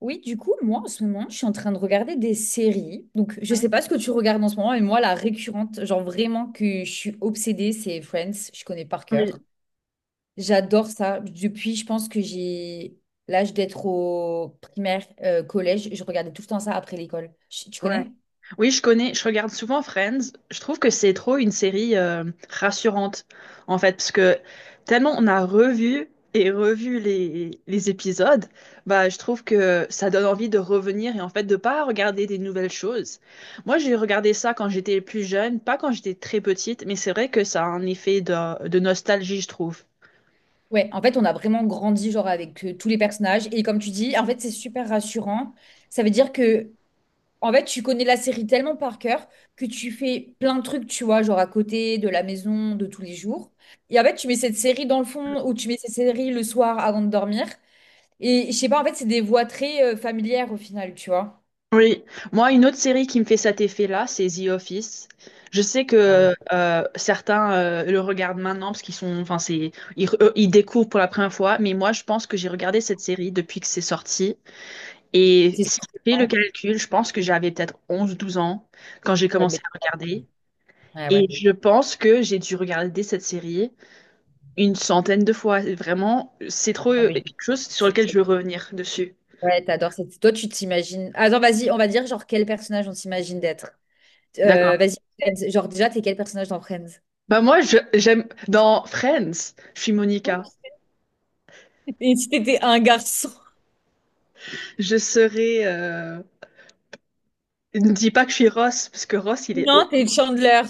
Oui, du coup, moi, en ce moment, je suis en train de regarder des séries. Donc, je sais Mhm. pas ce que tu regardes en ce moment, mais moi, la récurrente, genre vraiment que je suis obsédée, c'est Friends. Je connais par cœur. Oui, J'adore ça. Depuis, je pense que j'ai l'âge d'être au primaire, collège. Je regardais tout le temps ça après l'école. Tu ouais. connais? Oui, je connais, je regarde souvent Friends. Je trouve que c'est trop une série rassurante, en fait, parce que tellement on a revu et revu les épisodes, bah, je trouve que ça donne envie de revenir et en fait de pas regarder des nouvelles choses. Moi, j'ai regardé ça quand j'étais plus jeune, pas quand j'étais très petite, mais c'est vrai que ça a un effet de nostalgie, je trouve. Ouais, en fait, on a vraiment grandi, genre, avec tous les personnages. Et comme tu dis, en fait, c'est super rassurant. Ça veut dire que en fait, tu connais la série tellement par cœur que tu fais plein de trucs, tu vois, genre à côté de la maison, de tous les jours. Et en fait, tu mets cette série dans le fond ou tu mets cette série le soir avant de dormir. Et je sais pas, en fait, c'est des voix très familières au final, tu vois. Oui, moi, une autre série qui me fait cet effet-là, c'est The Office. Je sais Ouais. que certains le regardent maintenant parce qu'ils sont, enfin, c'est, ils, ils découvrent pour la première fois, mais moi, je pense que j'ai regardé cette série depuis que c'est sorti. Et C'est si je fais le souvent. calcul, je pense que j'avais peut-être onze, douze ans quand j'ai Ouais, commencé mais... à regarder. ouais, Et ouais. je pense que j'ai dû regarder cette série une centaine de fois. Vraiment, c'est trop Non, mais je- quelque chose sur c'est- lequel je veux revenir dessus. Ouais, t'adores cette... Toi, tu t'imagines... Attends, vas-y, on va dire genre quel personnage on s'imagine d'être. D'accord. Vas-y, Friends. Genre déjà, t'es quel personnage dans Friends? Bah moi, j'aime dans Friends, je suis Oh, Monica. et si t'étais un garçon? Je serai. Ne dis pas que je suis Ross, parce que Ross, il est horrible. Non, t'es Chandler.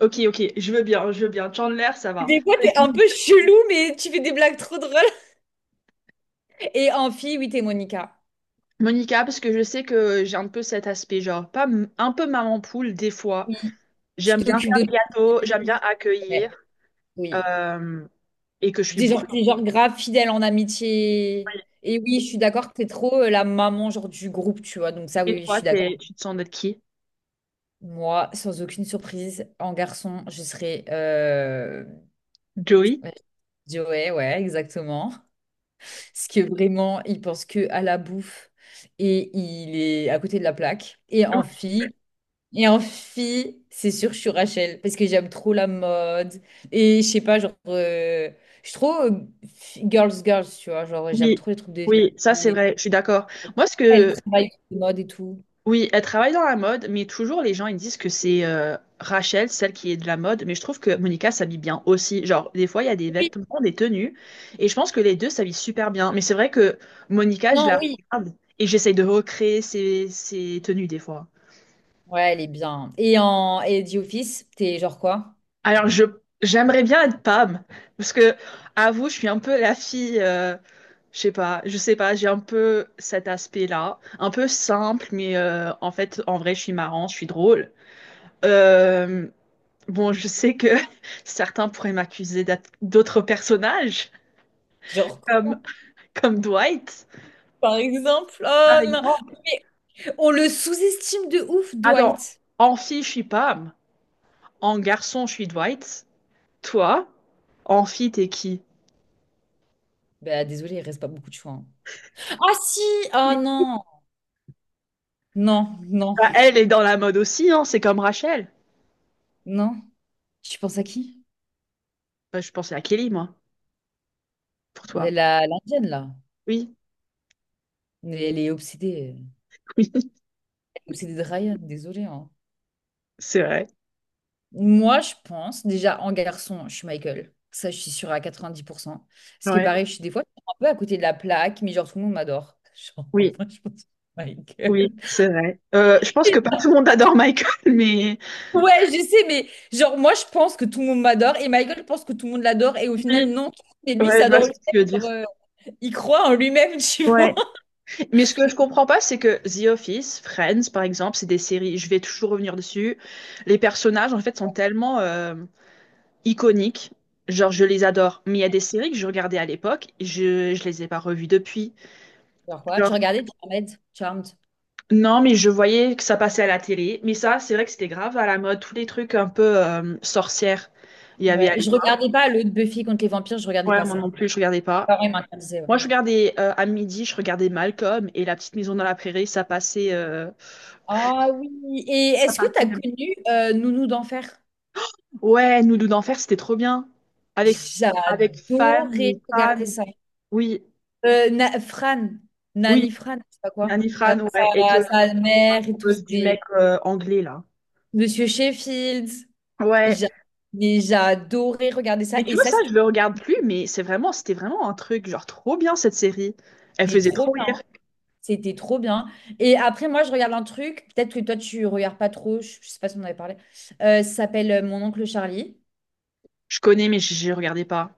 Ok, ok, je veux bien. Chandler, ça va. Des fois, t'es un peu chelou, mais tu fais des blagues trop drôles. Et en fille, oui, t'es Monica. Monica, parce que je sais que j'ai un peu cet aspect, genre, pas m- un peu maman poule, des fois. Oui, tu J'aime bien t'occupes faire de tout. le gâteau, j'aime bien Ouais, accueillir, oui. euh, et que je suis Des genre, brûlée. t'es genre grave fidèle en amitié. Et oui, je suis d'accord que t'es trop la maman genre du groupe, tu vois. Donc ça, Et oui, oui, je toi, suis d'accord. Tu te sens d'être qui? Moi, sans aucune surprise, en garçon, je serais... Joey? Je Ouais, ouais, exactement. Parce que vraiment, il pense que à la bouffe et il est à côté de la plaque. Et en fille, c'est sûr, je suis Rachel parce que j'aime trop la mode. Et je sais pas, genre, je suis trop girls, girls, tu vois. Genre, j'aime Oui, trop les trucs de filles. oui, ça c'est vrai, je suis d'accord. Moi, ce Elle que travaille sur les modes et tout. oui, elle travaille dans la mode, mais toujours les gens ils disent que c'est Rachel, celle qui est de la mode, mais je trouve que Monica s'habille bien aussi. Genre, des fois, il y a des Oui, vêtements, des tenues, et je pense que les deux s'habillent super bien. Mais c'est vrai que Monica, je non, la oui. regarde et j'essaye de recréer ses tenues des fois. Ouais, elle est bien. Et The Office, t'es genre quoi? Alors, je j'aimerais bien être Pam, parce que, avoue, je suis un peu la fille, je sais pas, j'ai un peu cet aspect-là, un peu simple, mais en fait, en vrai, je suis marrante, je suis drôle. Euh, Bon, je sais que certains pourraient m'accuser d'être d'autres personnages, Genre quoi, comme, comme Dwight. par exemple? Oh Par non. exemple, Mais on le sous-estime de ouf, attends, Dwight. en fille, je suis Pam. En garçon, je suis Dwight. Toi, en fille, t'es qui? Bah, désolé, il reste pas beaucoup de choix, hein. Ah si! Ah Oui. non! Non, non, Bah, elle est dans la mode aussi, hein, c'est comme Rachel. non. Tu penses à qui? Bah, je pensais à Kelly, moi, pour toi. La, l'Indienne, là. Oui, Elle est obsédée. oui, Elle est obsédée de Ryan, désolée, hein. c'est vrai. Moi, je pense, déjà, en garçon, je suis Michael. Ça, je suis sûre à 90%. Ce qui est Ouais, pareil, je suis des fois un peu à côté de la plaque, mais genre, tout le monde m'adore. Genre, oui, moi, je pense que oui, Michael. c'est vrai. Je pense que pas tout le monde adore Michael, mais... Ouais, je sais, mais genre, moi, je pense que tout le monde m'adore et Michael pense que tout le monde l'adore et au final, Oui. non. Mais lui, il Ouais, je vois s'adore ce que lui-même, tu veux dire. genre, il croit en lui-même, tu vois. Ouais. Mais ce que je comprends pas, c'est que The Office, Friends, par exemple, c'est des séries, je vais toujours revenir dessus. Les personnages, en fait, sont tellement iconiques. Genre, je les adore. Mais il y a des séries que je regardais à l'époque, je les ai pas revues depuis. Genre quoi? Tu Genre, regardais Charmed? Charmed. non, mais je voyais que ça passait à la télé. Mais ça, c'est vrai que c'était grave à la mode. Tous les trucs un peu sorcières, il y avait à Ouais, je l'époque. regardais pas le Buffy contre les vampires, je regardais Ouais, pas moi ça. non plus, je regardais pas. Parents incarnés, ouais. Moi, je regardais à midi, je regardais Malcolm et La Petite Maison dans la Prairie, ça passait. Euh, Ah oui. Et est-ce que tu as connu Nounou d'enfer? ouais, Nous deux d'enfer, c'était trop bien. Avec, avec Fan, ou J'adorais Fran, regarder ça. oui, Fran, oui, Nani Fran, je sais pas quoi. Nani Fran, Avec ouais, et que sa mère et tout. cause du C'était mec anglais là. Monsieur Sheffield. Ouais. J'a- Mais j'adorais regarder ça. Mais tu Et vois, ça, ça, je le regarde plus, mais c'était vraiment un truc, genre trop bien cette série. Elle c'était faisait trop trop bien. rire. C'était trop bien. Et après, moi, je regarde un truc. Peut-être que toi, tu regardes pas trop. Je sais pas si on en avait parlé. Ça s'appelle Mon oncle Charlie. Je connais, mais je ne regardais pas.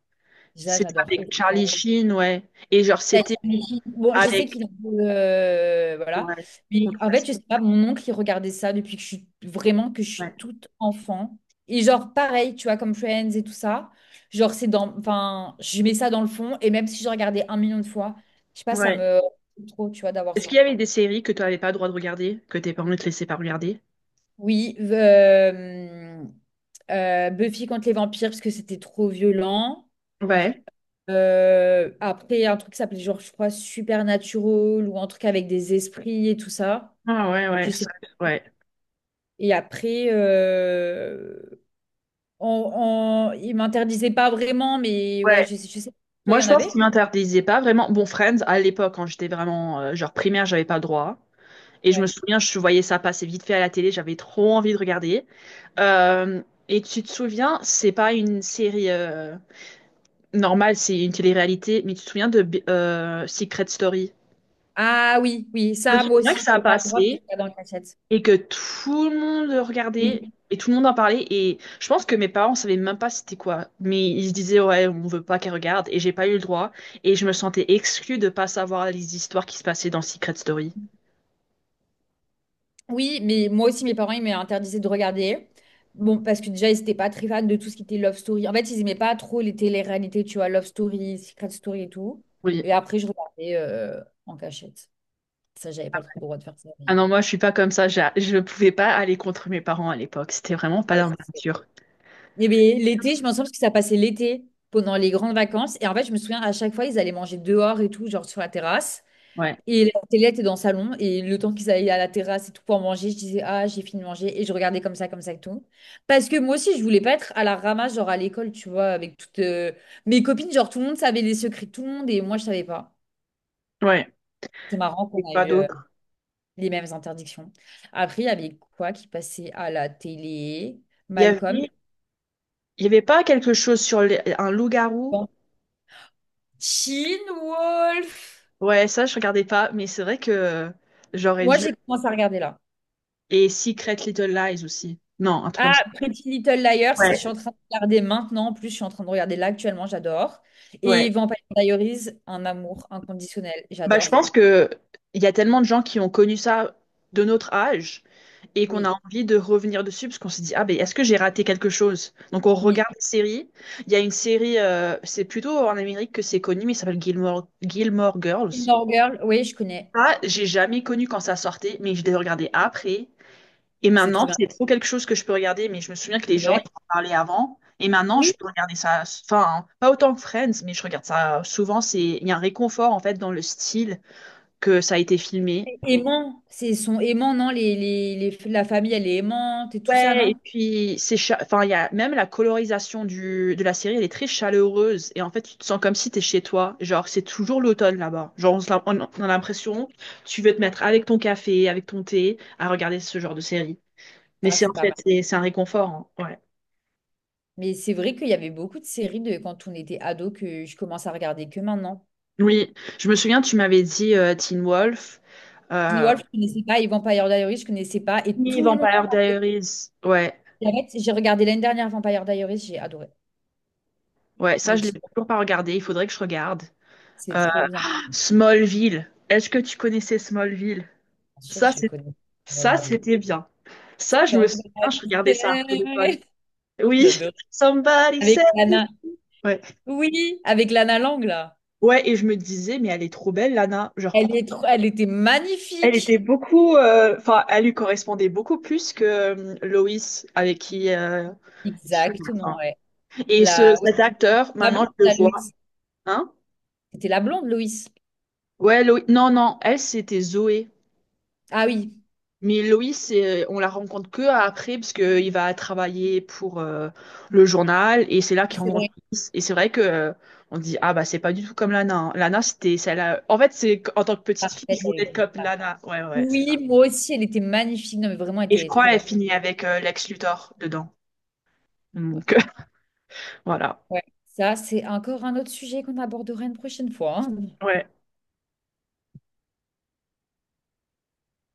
Ça, C'était j'adore. avec Charlie Sheen, ouais. Et genre, Ça, c'était j'imagine. Bon, je sais avec. qu'il en veut, voilà. Ouais, Mais en fait, controversé. je sais pas, mon oncle, il regardait ça depuis que je suis vraiment que je Ouais. suis toute enfant. Et genre, pareil, tu vois, comme Friends et tout ça. Genre, c'est dans. Enfin, je mets ça dans le fond. Et même si je regardais un million de fois, je sais pas, ça Ouais. me. Trop, tu vois, d'avoir Est-ce qu'il y ça. avait des séries que tu n'avais pas le droit de regarder, que tes parents ne te laissaient pas regarder? Oui, Buffy contre les vampires, parce que c'était trop violent. Ouais. Après, un truc qui s'appelait, genre, je crois, Supernatural ou un truc avec des esprits et tout ça. Ah ouais, ouais, Je sais ouais. et après, il m'interdisait pas vraiment, mais ouais, Ouais. Je sais pas. Toi, il Moi, y je en pense qu'ils avait? m'interdisaient pas vraiment. Bon, Friends, à l'époque, quand j'étais vraiment genre primaire, j'avais pas le droit. Et je me Ouais. souviens, je voyais ça passer vite fait à la télé, j'avais trop envie de regarder. Euh, et tu te souviens, c'est pas une série normale, c'est une télé-réalité, mais tu te souviens de Secret Story? Ah oui, oui, Je me ça, moi souviens que aussi, ça a j'avais pas le droit, je passé, regardais en cachette. et que tout le monde le Oui. regardait et tout le monde en parlait et je pense que mes parents savaient même pas c'était quoi mais ils se disaient ouais on veut pas qu'elle regarde et j'ai pas eu le droit et je me sentais exclue de pas savoir les histoires qui se passaient dans Secret Story. Oui, mais moi aussi, mes parents, ils m'interdisaient de regarder. Bon, parce que déjà, ils n'étaient pas très fans de tout ce qui était Love Story. En fait, ils n'aimaient pas trop les télé-réalités, tu vois, Love Story, Secret Story et tout. Oui. Et après, je regardais en cachette. Ça, j'avais pas trop le droit de faire ça, Ah mais- non moi je suis pas comme ça je ne pouvais pas aller contre mes parents à l'époque c'était vraiment pas Ouais, dans ma nature. eh bien, l'été, je m'en souviens parce que ça passait l'été pendant les grandes vacances. Et en fait, je me souviens à chaque fois, ils allaient manger dehors et tout, genre sur la terrasse. Ouais. Et la télé était dans le salon. Et le temps qu'ils allaient à la terrasse et tout pour manger, je disais, ah, j'ai fini de manger. Et je regardais comme ça et tout. Parce que moi aussi, je voulais pas être à la ramasse, genre à l'école, tu vois, avec toutes mes copines. Genre, tout le monde savait les secrets de tout le monde et moi, je savais pas. Ouais. C'est marrant Et qu'on a pas eu d'autres. les mêmes interdictions. Après, il y avait quoi qui passait à la télé? Malcolm, Il y avait pas quelque chose sur un loup-garou. Teen Wolf. Ouais ça je regardais pas mais c'est vrai que j'aurais Moi, dû j'ai commencé à regarder là. et Secret Little Lies aussi. Non un truc comme Ah, ça. Pretty Little Liars, je suis en Ouais, train de regarder maintenant. En plus, je suis en train de regarder là actuellement, j'adore. Et ouais. Vampire Diaries, un amour inconditionnel, Bah, je j'adore. pense que il y a tellement de gens qui ont connu ça de notre âge et qu'on a Oui, envie de revenir dessus parce qu'on se dit, ah, ben, est-ce que j'ai raté quelque chose? Donc, on oui. regarde des séries. Il y a une série, c'est plutôt en Amérique que c'est connu, mais ça s'appelle Gilmore, Gilmore Girls. Gilmore Girl, oui, je connais. Ça, j'ai jamais connu quand ça sortait, mais je l'ai regardé après. Et C'est maintenant, trop bien, c'est trop quelque chose que je peux regarder, mais je me souviens que les c'est gens, ils vrai. en parlaient avant. Et maintenant, je Oui, peux regarder ça, enfin, pas autant que Friends, mais je regarde ça souvent. C'est, il y a un réconfort, en fait, dans le style que ça a été filmé. c'est aimant. C'est son aimant, non? La famille, elle est aimante et tout ça, Ouais, et non? puis enfin il y a même la colorisation du de la série, elle est très chaleureuse et en fait tu te sens comme si t'es chez toi, genre c'est toujours l'automne là-bas. Genre on a l'impression tu veux te mettre avec ton café, avec ton thé à regarder ce genre de série. Mais Ah, c'est en c'est pas fait mal. C'est un réconfort, hein. Ouais. Mais c'est vrai qu'il y avait beaucoup de séries de quand on était ado que je commence à regarder que maintenant. Oui, je me souviens tu m'avais dit Teen Wolf, Teen euh, Wolf, je connaissais pas. Et Vampire Diaries, je connaissais pas. Et oui, tout le monde en Vampire parle. Diaries. Ouais, Arrête, j'ai regardé l'année dernière Vampire Diaries, j'ai adoré. ouais, ça Mais je l'ai Gilmore toujours pas regardé, il faudrait que je regarde. c'est Euh, trop bien. Smallville. Est-ce que tu connaissais Smallville? Bien sûr que Ça, je c'est- connais ça, Molly. c'était bien. Ça, je me souviens, je regardais ça après l'école. Oui, J'adore. somebody Avec said. Lana. Ouais. Oui, avec Lana Lang, là. Ouais, et je me disais, mais elle est trop belle, Lana. Genre, Elle pourquoi? est trop... elle était Elle était magnifique. beaucoup, enfin, elle lui correspondait beaucoup plus que Loïs, avec qui il filme, Exactement, hein. ouais. Et La, ouais, cet acteur, la maintenant, blonde, je le la vois. Loïs. Hein? C'était la blonde, Loïs. Ouais, Loïs. Non, non, elle, c'était Zoé. Ah oui, Mais Loïs, on la rencontre que après, parce qu'il va travailler pour le journal, et c'est là oui, qu'il c'est rencontre vrai. Loïs. Et c'est vrai que on dit, ah bah c'est pas du tout comme Lana, hein. Lana, c'était celle en fait, en tant que petite fille, Parfaite, je elle voulais être était comme parfaite. Lana. Ouais, ouais, c'est ça. Oui, moi aussi, elle était magnifique. Non, mais vraiment, elle Et je était crois trop qu'elle belle. finit avec Lex Luthor dedans. Ouais. Donc, voilà. Ouais. Ça, c'est encore un autre sujet qu'on abordera une prochaine fois, hein. Ouais.